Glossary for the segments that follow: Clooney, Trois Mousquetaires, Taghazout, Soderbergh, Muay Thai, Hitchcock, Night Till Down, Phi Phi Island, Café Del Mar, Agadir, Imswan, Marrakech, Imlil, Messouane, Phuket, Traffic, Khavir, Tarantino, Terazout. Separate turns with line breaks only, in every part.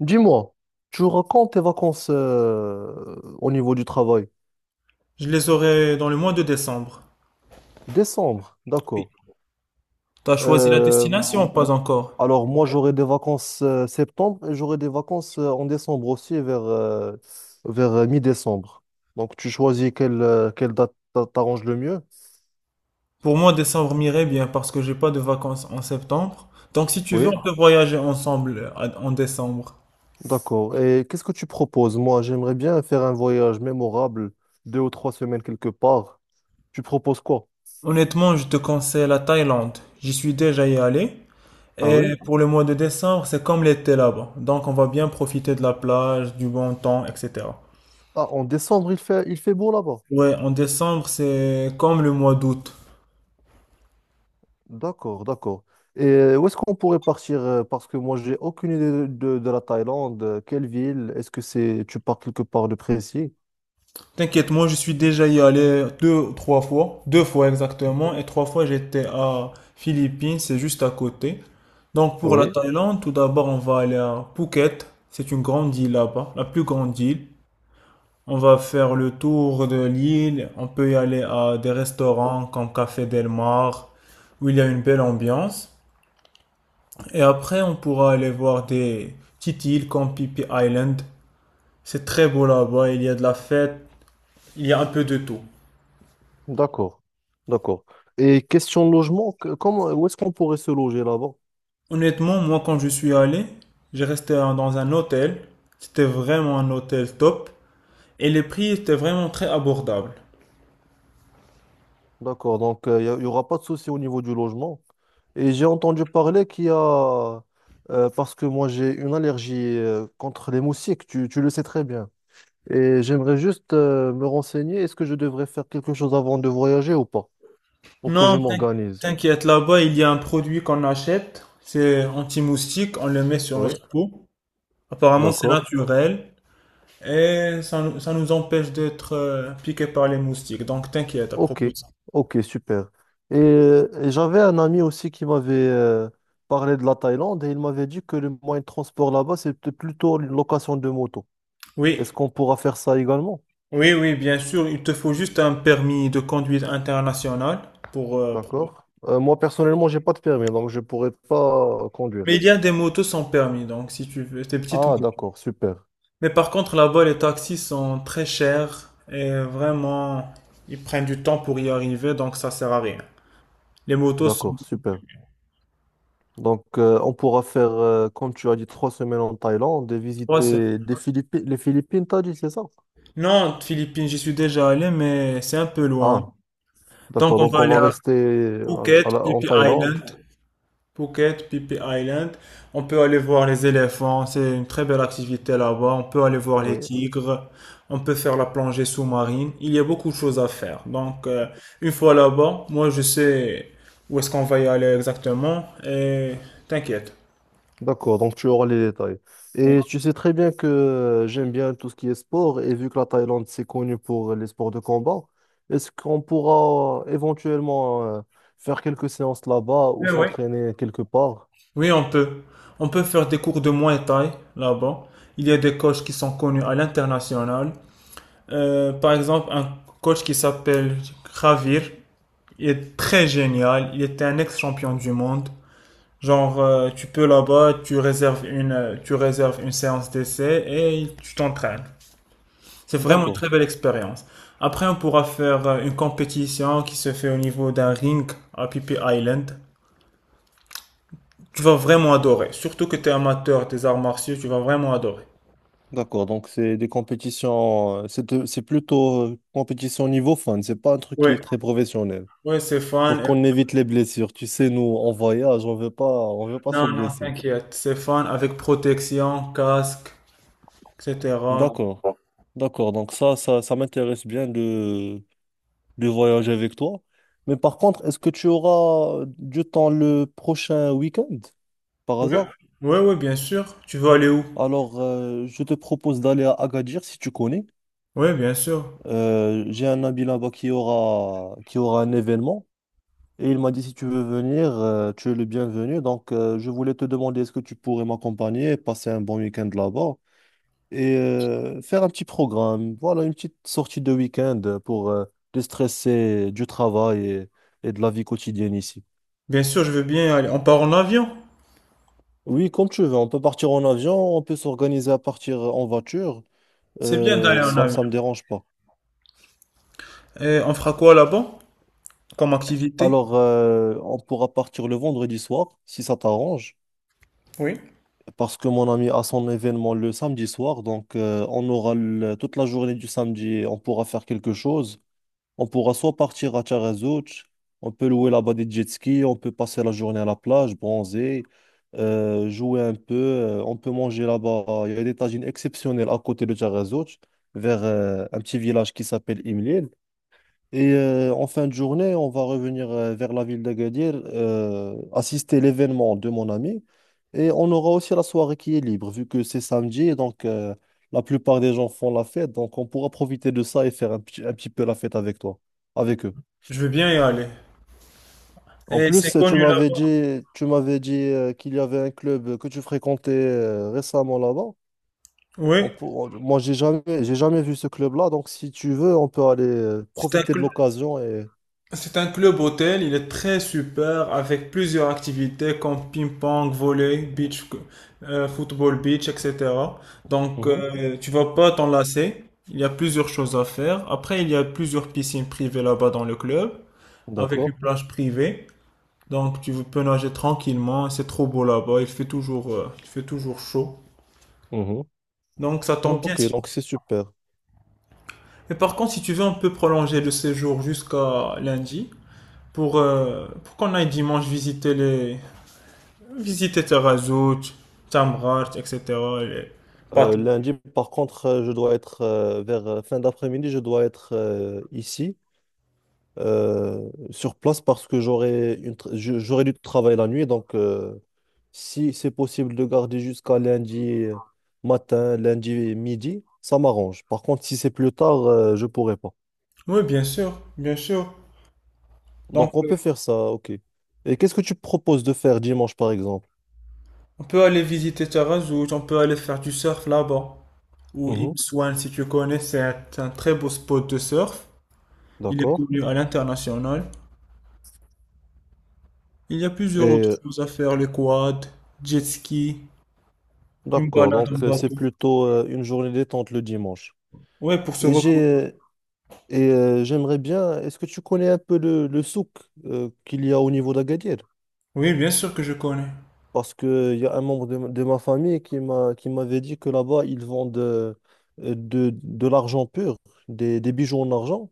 Dis-moi, tu racontes tes vacances au niveau du travail.
Je les aurai dans le mois de décembre.
Décembre,
Oui.
d'accord.
T'as choisi la
Euh,
destination,
m-
pas encore.
alors moi j'aurai des vacances septembre et j'aurai des vacances en décembre aussi vers mi-décembre. Donc tu choisis quelle date t'arrange le mieux.
Pour moi, décembre m'irait bien parce que j'ai pas de vacances en septembre. Donc si tu veux,
Oui,
on peut voyager ensemble en décembre.
d'accord. Et qu'est-ce que tu proposes? Moi j'aimerais bien faire un voyage mémorable, deux ou trois semaines quelque part. Tu proposes quoi?
Honnêtement, je te conseille la Thaïlande. J'y suis déjà y allé.
Ah oui?
Et pour le mois de décembre, c'est comme l'été là-bas. Donc on va bien profiter de la plage, du bon temps, etc.
Ah, en décembre il fait beau là-bas.
Ouais, en décembre, c'est comme le mois d'août.
D'accord, d'accord. Et où est-ce qu'on pourrait partir? Parce que moi, j'ai aucune idée de la Thaïlande. Quelle ville? Est-ce que c'est tu pars quelque part de précis?
T'inquiète, moi je suis déjà y allé deux, trois fois, deux fois exactement, et trois fois j'étais à Philippines, c'est juste à côté. Donc pour la
Oui,
Thaïlande, tout d'abord on va aller à Phuket, c'est une grande île là-bas, la plus grande île. On va faire le tour de l'île, on peut y aller à des restaurants comme Café Del Mar, où il y a une belle ambiance. Et après on pourra aller voir des petites îles comme Phi Phi Island, c'est très beau là-bas, il y a de la fête, il y a un peu de tout.
d'accord, d'accord. Et question de logement, comment, où est-ce qu'on pourrait se loger là-bas?
Honnêtement, moi, quand je suis allé, j'ai resté dans un hôtel. C'était vraiment un hôtel top. Et les prix étaient vraiment très abordables.
D'accord, donc il n'y aura pas de souci au niveau du logement. Et j'ai entendu parler qu'il y a, parce que moi j'ai une allergie contre les moustiques, tu le sais très bien. Et j'aimerais juste me renseigner, est-ce que je devrais faire quelque chose avant de voyager ou pas? Pour que je
Non,
m'organise.
t'inquiète, là-bas, il y a un produit qu'on achète. C'est anti-moustique. On le met sur
Oui,
notre peau. Apparemment, c'est
d'accord.
naturel. Et ça, ça nous empêche d'être piqués par les moustiques. Donc, t'inquiète à
Ok,
propos de ça.
ok, super. Et j'avais un ami aussi qui m'avait parlé de la Thaïlande et il m'avait dit que le moyen de transport là-bas, c'était plutôt une location de moto.
Oui,
Est-ce qu'on pourra faire ça également?
oui, oui, bien sûr. Il te faut juste un permis de conduite international pour.
D'accord. Moi, personnellement, j'ai pas de permis, donc je pourrais pas
Mais
conduire.
il y a des motos sans permis, donc si tu veux, des petites
Ah,
motos.
d'accord, super.
Mais par contre, là-bas, les taxis sont très chers et vraiment, ils prennent du temps pour y arriver, donc ça sert à rien. Les motos sont
D'accord,
beaucoup
super.
plus-
Donc, on pourra faire, comme tu as dit, trois semaines en Thaïlande et
Trois semaines.
visiter les Philippines, t'as dit, c'est ça?
Non, Philippines, j'y suis déjà allé, mais c'est un peu loin.
Ah.
Donc
D'accord,
on
donc
va
on
aller
va
à
rester
Phuket, Phi
en
Phi
Thaïlande.
Island. Phuket, Phi Phi Island. On peut aller voir les éléphants, c'est une très belle activité là-bas. On peut aller voir les
Oui.
tigres, on peut faire la plongée sous-marine. Il y a beaucoup de choses à faire. Donc, une fois là-bas, moi je sais où est-ce qu'on va y aller exactement et t'inquiète.
D'accord, donc tu auras les détails.
Oui.
Et tu sais très bien que j'aime bien tout ce qui est sport, et vu que la Thaïlande, c'est connu pour les sports de combat, est-ce qu'on pourra éventuellement faire quelques séances là-bas ou
Oui, oui.
s'entraîner quelque part?
Oui, on peut. On peut faire des cours de Muay Thai là-bas. Il y a des coachs qui sont connus à l'international. Par exemple, un coach qui s'appelle Khavir. Il est très génial. Il était un ex-champion du monde. Genre, tu peux là-bas, tu réserves une séance d'essai et tu t'entraînes. C'est vraiment une
D'accord,
très belle expérience. Après, on pourra faire une compétition qui se fait au niveau d'un ring à Pipi Island. Tu vas vraiment adorer. Surtout que tu es amateur des arts martiaux, tu vas vraiment adorer.
d'accord. Donc c'est des compétitions, c'est plutôt compétition niveau fun, c'est pas un truc qui
Oui,
est très professionnel.
oui, c'est fun.
Pour
Et-
qu'on évite les blessures, tu sais, nous, en voyage, on veut pas se
Non, non,
blesser.
t'inquiète. C'est fun avec protection, casque, etc.
D'accord. D'accord. Donc ça m'intéresse bien de voyager avec toi. Mais par contre, est-ce que tu auras du temps le prochain week-end, par
Oui,
hasard?
oui, oui, bien sûr. Tu veux aller où?
Alors, je te propose d'aller à Agadir si tu connais.
Oui, bien sûr.
J'ai un ami là-bas qui aura un événement. Et il m'a dit, si tu veux venir, tu es le bienvenu. Donc, je voulais te demander, est-ce que tu pourrais m'accompagner et passer un bon week-end là-bas? Et faire un petit programme. Voilà, une petite sortie de week-end pour déstresser du travail et de la vie quotidienne ici.
Bien sûr, je veux bien aller. On part en avion.
Oui, comme tu veux, on peut partir en avion, on peut s'organiser à partir en voiture,
C'est bien d'aller en
ça,
avion.
ça me dérange pas.
Et on fera quoi là-bas comme activité?
Alors, on pourra partir le vendredi soir, si ça t'arrange,
Oui.
parce que mon ami a son événement le samedi soir, donc on aura toute la journée du samedi, on pourra faire quelque chose. On pourra soit partir à Taghazout, on peut louer là-bas des jet skis, on peut passer la journée à la plage, bronzer, jouer un peu, on peut manger là-bas. Il y a des tagines exceptionnelles à côté de Taghazout, vers un petit village qui s'appelle Imlil. Et en fin de journée, on va revenir vers la ville d'Agadir, assister à l'événement de mon ami. Et on aura aussi la soirée qui est libre, vu que c'est samedi, et donc la plupart des gens font la fête. Donc on pourra profiter de ça et faire un petit peu la fête avec toi, avec eux.
Je veux bien y aller.
En
Et c'est
plus,
connu là-bas.
tu m'avais dit qu'il y avait un club que tu fréquentais récemment là-bas.
Oui.
Moi, j'ai jamais vu ce club-là, donc si tu veux, on peut aller
C'est un
profiter de
club,
l'occasion et...
c'est un club hôtel. Il est très super avec plusieurs activités comme ping-pong, volley, beach, football beach, etc. Donc,
Mhm,
tu vas pas t'enlacer. Il y a plusieurs choses à faire. Après, il y a plusieurs piscines privées là-bas dans le club avec une
d'accord.
plage privée. Donc tu peux nager tranquillement, c'est trop beau là-bas, il fait toujours chaud. Donc ça tombe bien
Ok,
si.
donc c'est super.
Mais par contre, si tu veux, on peut prolonger le séjour jusqu'à lundi pour qu'on aille dimanche visiter les visiter Terazout, Tamrat, etc. les patrons.
Lundi, par contre, je dois être vers fin d'après-midi, je dois être ici, sur place, parce que j'aurai j'aurai du travail la nuit. Donc, si c'est possible de garder jusqu'à lundi matin, lundi midi, ça m'arrange. Par contre, si c'est plus tard, je pourrai pas.
Oui, bien sûr, bien sûr. Donc
Donc, on peut faire ça, ok. Et qu'est-ce que tu proposes de faire dimanche, par exemple?
on peut aller visiter Terazout, on peut aller faire du surf là-bas. Ou
Mhm,
Imswan, si tu connais, c'est un très beau spot de surf. Il est
d'accord.
connu à l'international. Il y a
Et
plusieurs autres choses à faire, les quads, jet ski, une
d'accord,
balade en
donc c'est
bateau.
plutôt une journée détente le dimanche.
Ouais, pour se
Et
reposer.
j'ai J'aimerais bien. Est-ce que tu connais un peu le souk qu'il y a au niveau d'Agadir?
Oui, bien sûr que je connais.
Parce que il y a un membre de ma famille qui m'avait dit que là-bas ils vendent l'argent pur, des bijoux en argent.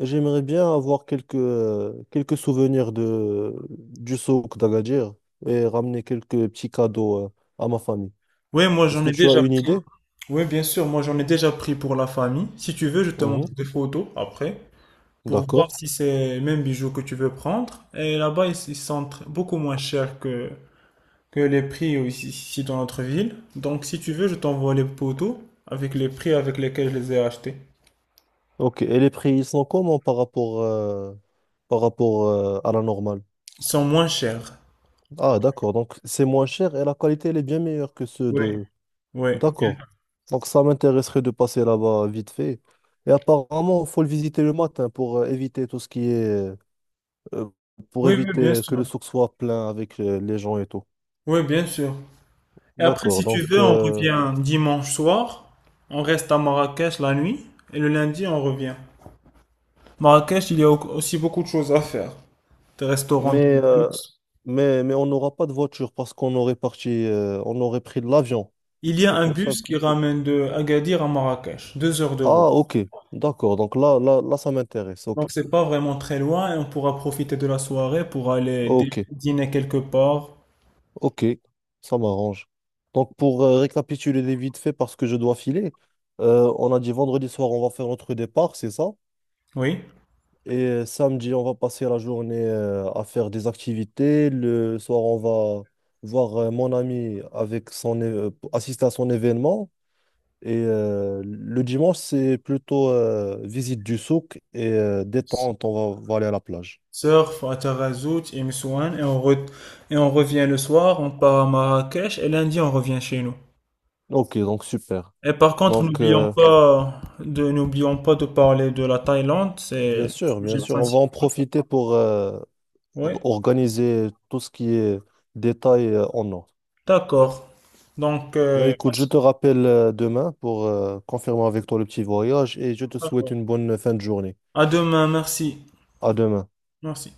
Et j'aimerais bien avoir quelques quelques souvenirs de du souk d'Agadir et ramener quelques petits cadeaux à ma famille.
Oui, moi
Est-ce
j'en
que
ai
tu as
déjà
une
pris.
idée?
Oui, bien sûr, moi j'en ai déjà pris pour la famille. Si tu veux, je te
Mhm.
montre des photos après pour voir
D'accord.
si c'est le même bijoux que tu veux prendre. Et là-bas, ils sont beaucoup moins chers que les prix ici, dans notre ville. Donc si tu veux, je t'envoie les photos avec les prix avec lesquels je les ai achetés.
Ok, et les prix, ils sont comment par rapport à la normale?
Ils sont moins chers.
Ah, d'accord, donc c'est moins cher et la qualité, elle est bien meilleure que ceux
Oui,
de...
oui, bien-
D'accord, donc ça m'intéresserait de passer là-bas vite fait. Et apparemment, il faut le visiter le matin pour éviter tout ce qui est... euh, pour
oui, oui, bien
éviter que
sûr.
le souk soit plein avec les gens et tout.
Oui, bien sûr. Et après,
D'accord,
si tu
donc...
veux, on revient dimanche soir. On reste à Marrakech la nuit. Et le lundi, on revient. Marrakech, il y a aussi beaucoup de choses à faire. Des restaurants de
mais, euh,
luxe.
mais on n'aura pas de voiture parce qu'on aurait parti... on aurait pris de l'avion.
Il y a
C'est
un
pour ça.
bus qui ramène de Agadir à Marrakech. 2 heures de route.
Ah, ok, d'accord. Donc là, ça m'intéresse. Ok,
Donc, c'est pas vraiment très loin et on pourra profiter de la soirée pour aller
ok,
dîner quelque part.
ok, ça m'arrange. Donc pour récapituler les vite fait, parce que je dois filer, on a dit vendredi soir, on va faire notre départ, c'est ça?
Oui.
Et samedi, on va passer la journée à faire des activités. Le soir, on va voir mon ami avec assister à son événement. Et le dimanche, c'est plutôt visite du souk et détente. On va aller à la plage.
Surf à Tarazout et Messouane. Et on revient le soir. On part à Marrakech et lundi, on revient chez nous.
Ok, donc super.
Et par contre,
Donc,
n'oublions pas de, n'oublions pas de parler de la Thaïlande, c'est le
bien
sujet
sûr, on va en
principal.
profiter pour
Oui,
organiser tout ce qui est détail en ordre.
d'accord. Donc,
Ben, écoute, je te rappelle demain pour confirmer avec toi le petit voyage et je te souhaite une bonne fin de journée.
à demain, merci.
À demain.
Merci.